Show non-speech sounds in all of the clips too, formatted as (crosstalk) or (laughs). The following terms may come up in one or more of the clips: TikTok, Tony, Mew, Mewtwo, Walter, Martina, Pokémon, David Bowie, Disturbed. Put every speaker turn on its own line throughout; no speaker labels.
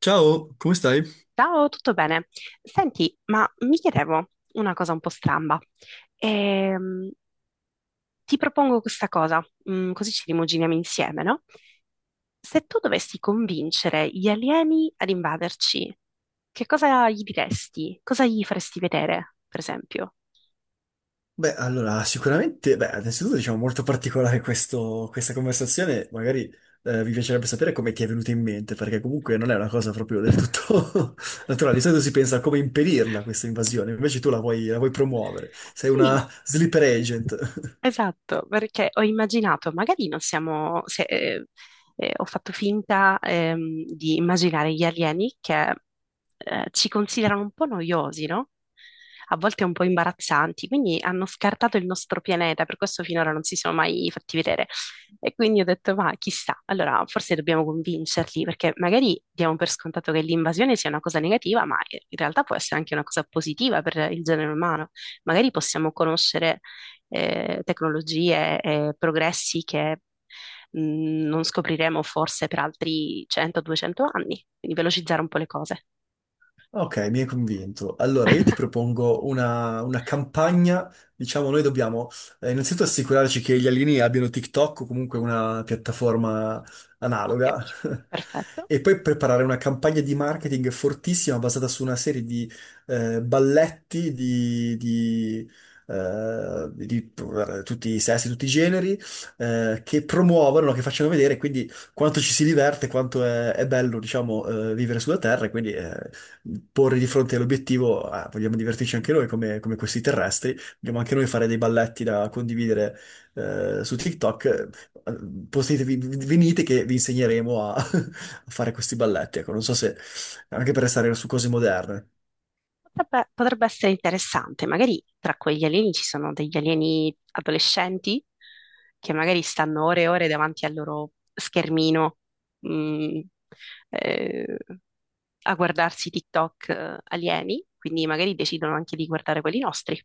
Ciao, come stai?
Ciao, tutto bene? Senti, ma mi chiedevo una cosa un po' stramba. Ehm, ti propongo questa cosa, così ci rimuginiamo insieme, no? Se tu dovessi convincere gli alieni ad invaderci, che cosa gli diresti? Cosa gli faresti vedere, per esempio?
Beh, allora, sicuramente, beh, innanzitutto diciamo molto particolare questa conversazione, magari mi piacerebbe sapere come ti è venuta in mente, perché comunque non è una cosa proprio del tutto (laughs)
(laughs)
naturale, di solito si pensa a come impedirla questa invasione, invece tu la vuoi promuovere, sei
Sì,
una sleeper agent.
esatto, perché ho immaginato, magari non siamo, se, ho fatto finta di immaginare gli alieni che ci considerano un po' noiosi, no? A volte un po' imbarazzanti, quindi hanno scartato il nostro pianeta, per questo finora non si sono mai fatti vedere. E quindi ho detto, ma chissà, allora forse dobbiamo convincerli, perché magari diamo per scontato che l'invasione sia una cosa negativa, ma in realtà può essere anche una cosa positiva per il genere umano. Magari possiamo conoscere tecnologie e progressi che mh, non scopriremo forse per altri 100-200 anni, quindi velocizzare un po' le cose.
Ok, mi hai convinto. Allora, io ti propongo una campagna. Diciamo, noi dobbiamo innanzitutto assicurarci che gli alieni abbiano TikTok o comunque una piattaforma
Ok,
analoga. (laughs)
perfetto.
E poi preparare una campagna di marketing fortissima basata su una serie di balletti di tutti i sessi, tutti i generi, che promuovono, che facciano vedere quindi quanto ci si diverte, quanto è bello, diciamo, vivere sulla Terra. E quindi, porre di fronte all'obiettivo, ah, vogliamo divertirci anche noi come, questi terrestri, vogliamo anche noi fare dei balletti da condividere su TikTok, postetevi, venite che vi insegneremo a, (laughs) a fare questi balletti, ecco, non so se anche per restare su cose moderne.
Potrebbe essere interessante, magari tra quegli alieni ci sono degli alieni adolescenti che magari stanno ore e ore davanti al loro schermino, mh, eh, a guardarsi TikTok alieni, quindi magari decidono anche di guardare quelli nostri.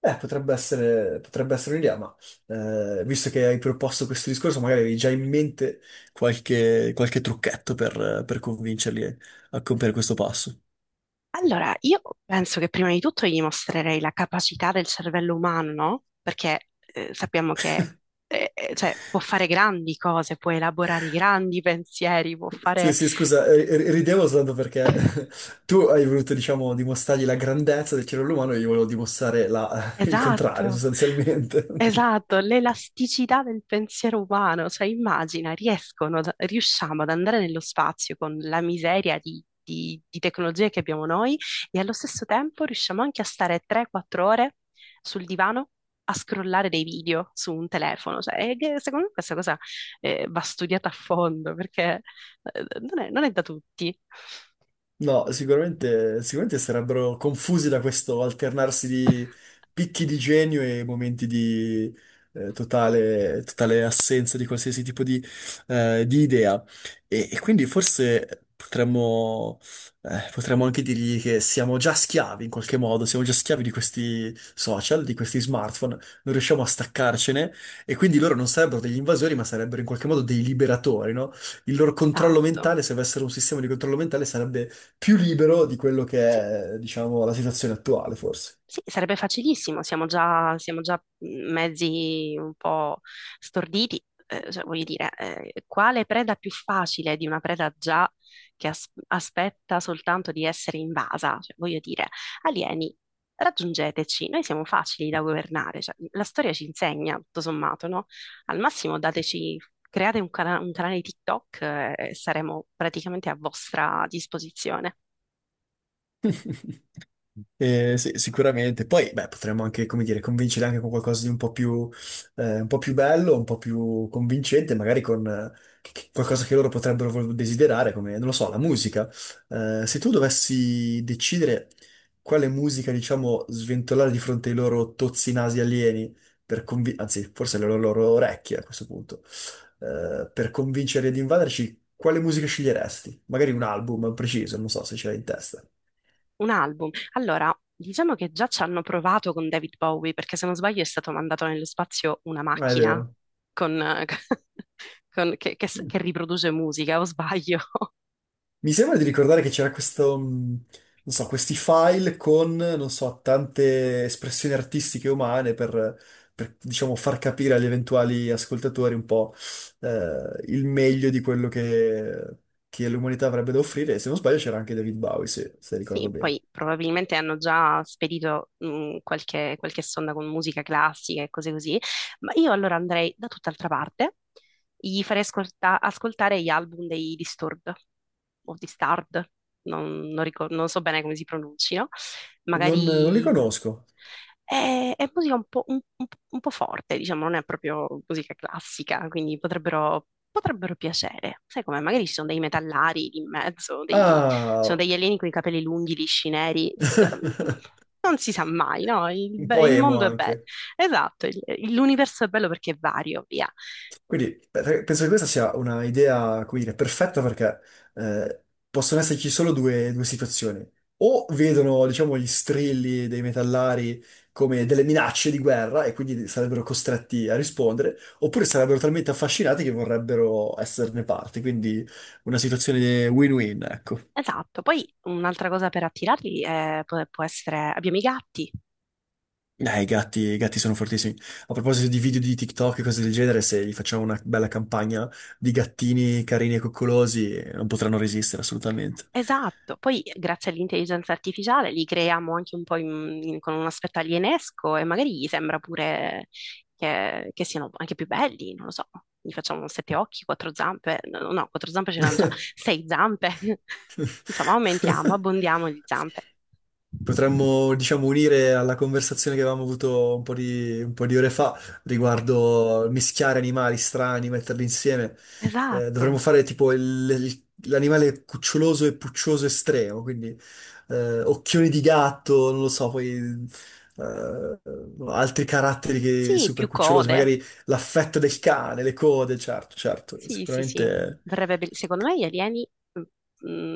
Potrebbe essere un'idea, ma visto che hai proposto questo discorso, magari avevi già in mente qualche trucchetto per convincerli a compiere questo passo.
Allora, io penso che prima di tutto gli mostrerei la capacità del cervello umano, no? Perché sappiamo che cioè, può fare grandi cose, può elaborare i grandi pensieri, può
Sì,
fare.
sì, scusa, ridevo soltanto perché (laughs) tu hai voluto, diciamo, dimostrargli la grandezza del cervello umano e io volevo dimostrare (laughs) il contrario,
Esatto,
sostanzialmente.
esatto, l'elasticità del pensiero umano, cioè immagina, riescono, riusciamo ad andare nello spazio con la miseria di tecnologie che abbiamo noi, e allo stesso tempo riusciamo anche a stare 3-4 ore sul divano a scrollare dei video su un telefono, cioè, e che secondo me questa cosa va studiata a fondo perché non è da tutti.
No, sicuramente, sicuramente sarebbero confusi da questo alternarsi di picchi di genio e momenti di totale, totale assenza di qualsiasi tipo di idea. E quindi forse potremmo anche dirgli che siamo già schiavi in qualche modo, siamo già schiavi di questi social, di questi smartphone, non riusciamo a staccarcene e quindi loro non sarebbero degli invasori, ma sarebbero in qualche modo dei liberatori, no? Il loro controllo
Esatto.
mentale, se avessero un sistema di controllo mentale, sarebbe più libero di quello
Sì,
che è, diciamo, la situazione attuale, forse.
sì, sarebbe facilissimo, siamo già mezzi un po' storditi, cioè, voglio dire, quale preda più facile di una preda già che aspetta soltanto di essere invasa? Cioè, voglio dire, alieni, raggiungeteci, noi siamo facili da governare, cioè, la storia ci insegna, tutto sommato, no? Al massimo dateci, create un canale TikTok, e saremo praticamente a vostra disposizione.
Sì, sicuramente. Poi, beh, potremmo anche, come dire, convincere anche con qualcosa di un po' più bello, un po' più convincente, magari con qualcosa che loro potrebbero desiderare, come, non lo so, la musica. Se tu dovessi decidere quale musica, diciamo, sventolare di fronte ai loro tozzi nasi alieni, per anzi, forse le loro orecchie a questo punto, per convincere di invaderci, quale musica sceglieresti? Magari un album preciso, non so se ce l'hai in testa.
Un album. Allora, diciamo che già ci hanno provato con David Bowie, perché se non sbaglio è stato mandato nello spazio una
Ah, è
macchina
vero.
con- eh, (laughs) che riproduce musica, o sbaglio? (laughs)
Mi sembra di ricordare che c'era questo, non so, questi file con, non so, tante espressioni artistiche umane per, diciamo, far capire agli eventuali ascoltatori un po', il meglio di quello che l'umanità avrebbe da offrire. E se non sbaglio c'era anche David Bowie, se ricordo
Sì,
bene.
poi probabilmente hanno già spedito qualche sonda con musica classica e cose così, ma io allora andrei da tutt'altra parte, gli farei ascoltare gli album dei Disturbed o Disturbed, non so bene come si pronunciano
Non li
magari.
conosco.
È musica un po', un po' forte, diciamo, non è proprio musica classica, quindi potrebbero piacere. Sai come? Magari ci sono dei metallari in mezzo, ci sono
Ah,
degli
(laughs)
alieni con i capelli lunghi, lisci, neri. Cioè, non si sa mai, no?
un po'
Il
emo
mondo è bello.
anche.
Esatto, l'universo è bello perché è vario, via.
Quindi penso che questa sia una idea, come dire, perfetta perché eh, possono esserci solo due situazioni. O vedono, diciamo, gli strilli dei metallari come delle minacce di guerra e quindi sarebbero costretti a rispondere, oppure sarebbero talmente affascinati che vorrebbero esserne parte. Quindi una situazione win-win, ecco.
Esatto. Poi un'altra cosa per attirarli può essere. Abbiamo i gatti.
I gatti sono fortissimi. A proposito di video di TikTok e cose del genere, se gli facciamo una bella campagna di gattini carini e coccolosi, non potranno resistere assolutamente.
Esatto, poi grazie all'intelligenza artificiale li creiamo anche un po' con un aspetto alienesco e magari gli sembra pure che siano anche più belli, non lo so, gli facciamo sette occhi, quattro zampe, no, no, no, quattro zampe ce l'hanno già,
(laughs)
sei zampe, (laughs) insomma aumentiamo, abbondiamo di
(laughs)
zampe.
Potremmo, diciamo, unire alla conversazione che avevamo avuto un po' di ore fa riguardo mischiare animali strani, metterli insieme. Eh,
Esatto,
dovremmo fare tipo il- l'animale cuccioloso e puccioso estremo, quindi occhioni di gatto, non lo so, poi eh, altri caratteri che
sì,
super
più
cucciolosi,
code.
magari l'affetto del cane, le code, certo, certo,
Sì, sì, sì,
sicuramente.
secondo me gli alieni mm,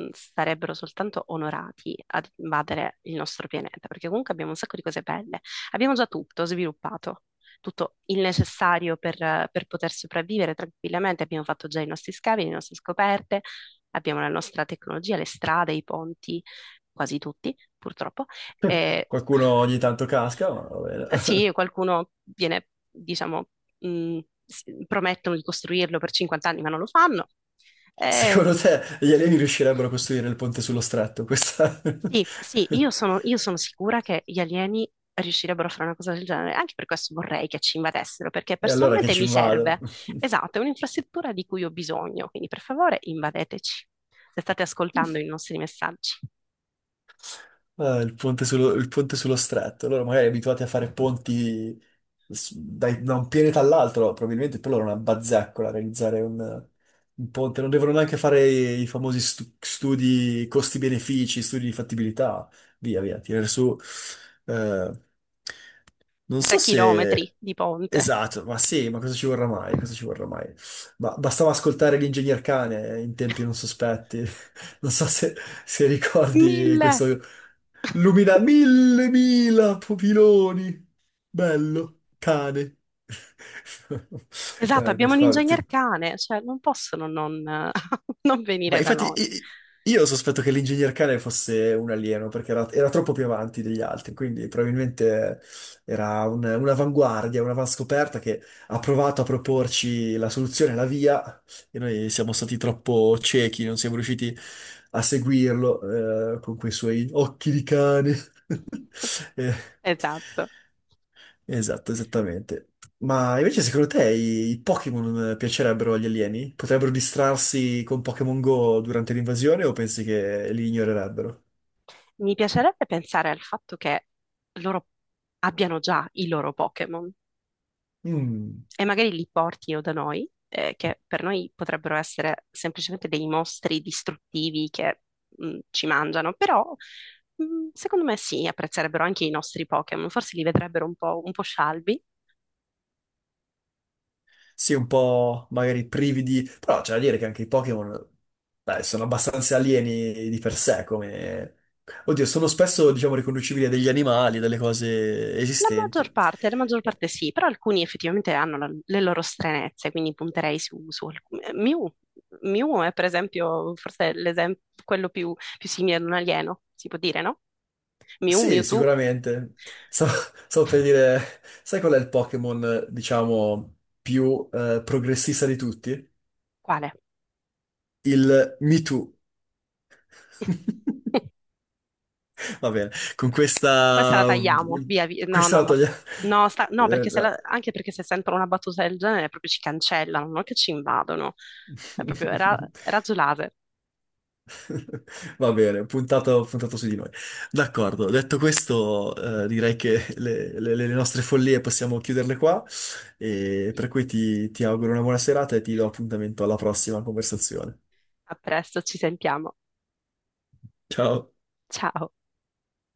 sarebbero soltanto onorati ad invadere il nostro pianeta, perché comunque abbiamo un sacco di cose belle. Abbiamo già tutto sviluppato, tutto il necessario per poter sopravvivere tranquillamente. Abbiamo fatto già i nostri scavi, le nostre scoperte, abbiamo la nostra tecnologia, le strade, i ponti, quasi tutti, purtroppo. E
Qualcuno ogni tanto casca, ma va bene.
sì,
(laughs)
qualcuno viene, diciamo, mh, promettono di costruirlo per 50 anni, ma non lo fanno. Eh,
Secondo te gli alieni riuscirebbero a costruire il ponte sullo stretto? Questa...
sì,
(laughs)
sì, io sono sicura che gli alieni riuscirebbero a fare una cosa del genere. Anche per questo vorrei che ci invadessero, perché
E allora che
personalmente
ci
mi
invado?
serve. Esatto, è un'infrastruttura di cui ho bisogno. Quindi, per favore, invadeteci. Se state ascoltando i nostri messaggi.
Ah, il ponte sullo stretto. Loro magari abituati a fare ponti da un pianeta all'altro, probabilmente per loro è una bazzeccola realizzare un ponte. Non devono neanche fare i famosi studi costi-benefici, studi di fattibilità, via via, tirare su... eh, Non
Tre
so se...
chilometri di ponte.
Esatto, ma sì, ma cosa ci vorrà mai? Cosa ci
(laughs)
vorrà mai? Ma bastava ascoltare l'ingegner Cane in tempi non sospetti. (laughs) Non so se ricordi
1.000.
questo...
(laughs)
Lumina mille, mila pupiloni. Bello, cane. (laughs)
Esatto, abbiamo
Questo qua,
l'ingegner cane, cioè non possono non, (laughs) non
ma
venire da
infatti
noi.
io sospetto che l'ingegner cane fosse un alieno perché era troppo più avanti degli altri, quindi probabilmente era un'avanguardia, un'avanscoperta che ha provato a proporci la soluzione, la via, e noi siamo stati troppo ciechi, non siamo riusciti a seguirlo con quei suoi occhi di cane. (laughs) Eh,
Esatto.
Esatto, esattamente. Ma invece secondo te i Pokémon piacerebbero agli alieni? Potrebbero distrarsi con Pokémon Go durante l'invasione o pensi che li ignorerebbero?
Mi piacerebbe pensare al fatto che loro abbiano già i loro Pokémon
Mm.
e magari li portino da noi, che per noi potrebbero essere semplicemente dei mostri distruttivi che ci mangiano, però secondo me sì, apprezzerebbero anche i nostri Pokémon, forse li vedrebbero un po' scialbi.
Sì, un po' magari privi di... Però c'è da dire che anche i Pokémon, beh, sono abbastanza alieni di per sé, come... Oddio, sono spesso, diciamo, riconducibili a degli animali, a delle cose esistenti.
La maggior parte sì, però alcuni effettivamente hanno le loro stranezze, quindi punterei su alcuni. Mew è per esempio forse l'esempio, quello più simile ad un alieno, si può dire, no? Mew,
Sì,
Mewtwo,
sicuramente. Stavo, (laughs) stavo per dire, sai qual è il Pokémon, diciamo, più progressista di tutti?
quale?
Il Me Too.
(laughs)
(laughs) Va bene, con
Questa la
questa...
tagliamo, via, via. No,
questa
no,
la
no,
togliamo. (laughs)
no, no, perché se
No.
la- anche perché se sentono una battuta del genere proprio ci cancellano, non che ci invadono, è proprio
(laughs)
razzo laser.
(laughs) Va bene, puntato, puntato su di noi. D'accordo, detto questo, direi che le nostre follie possiamo chiuderle qua, e per cui ti auguro una buona serata e ti do appuntamento alla prossima conversazione.
A presto, ci sentiamo.
Ciao!
Ciao.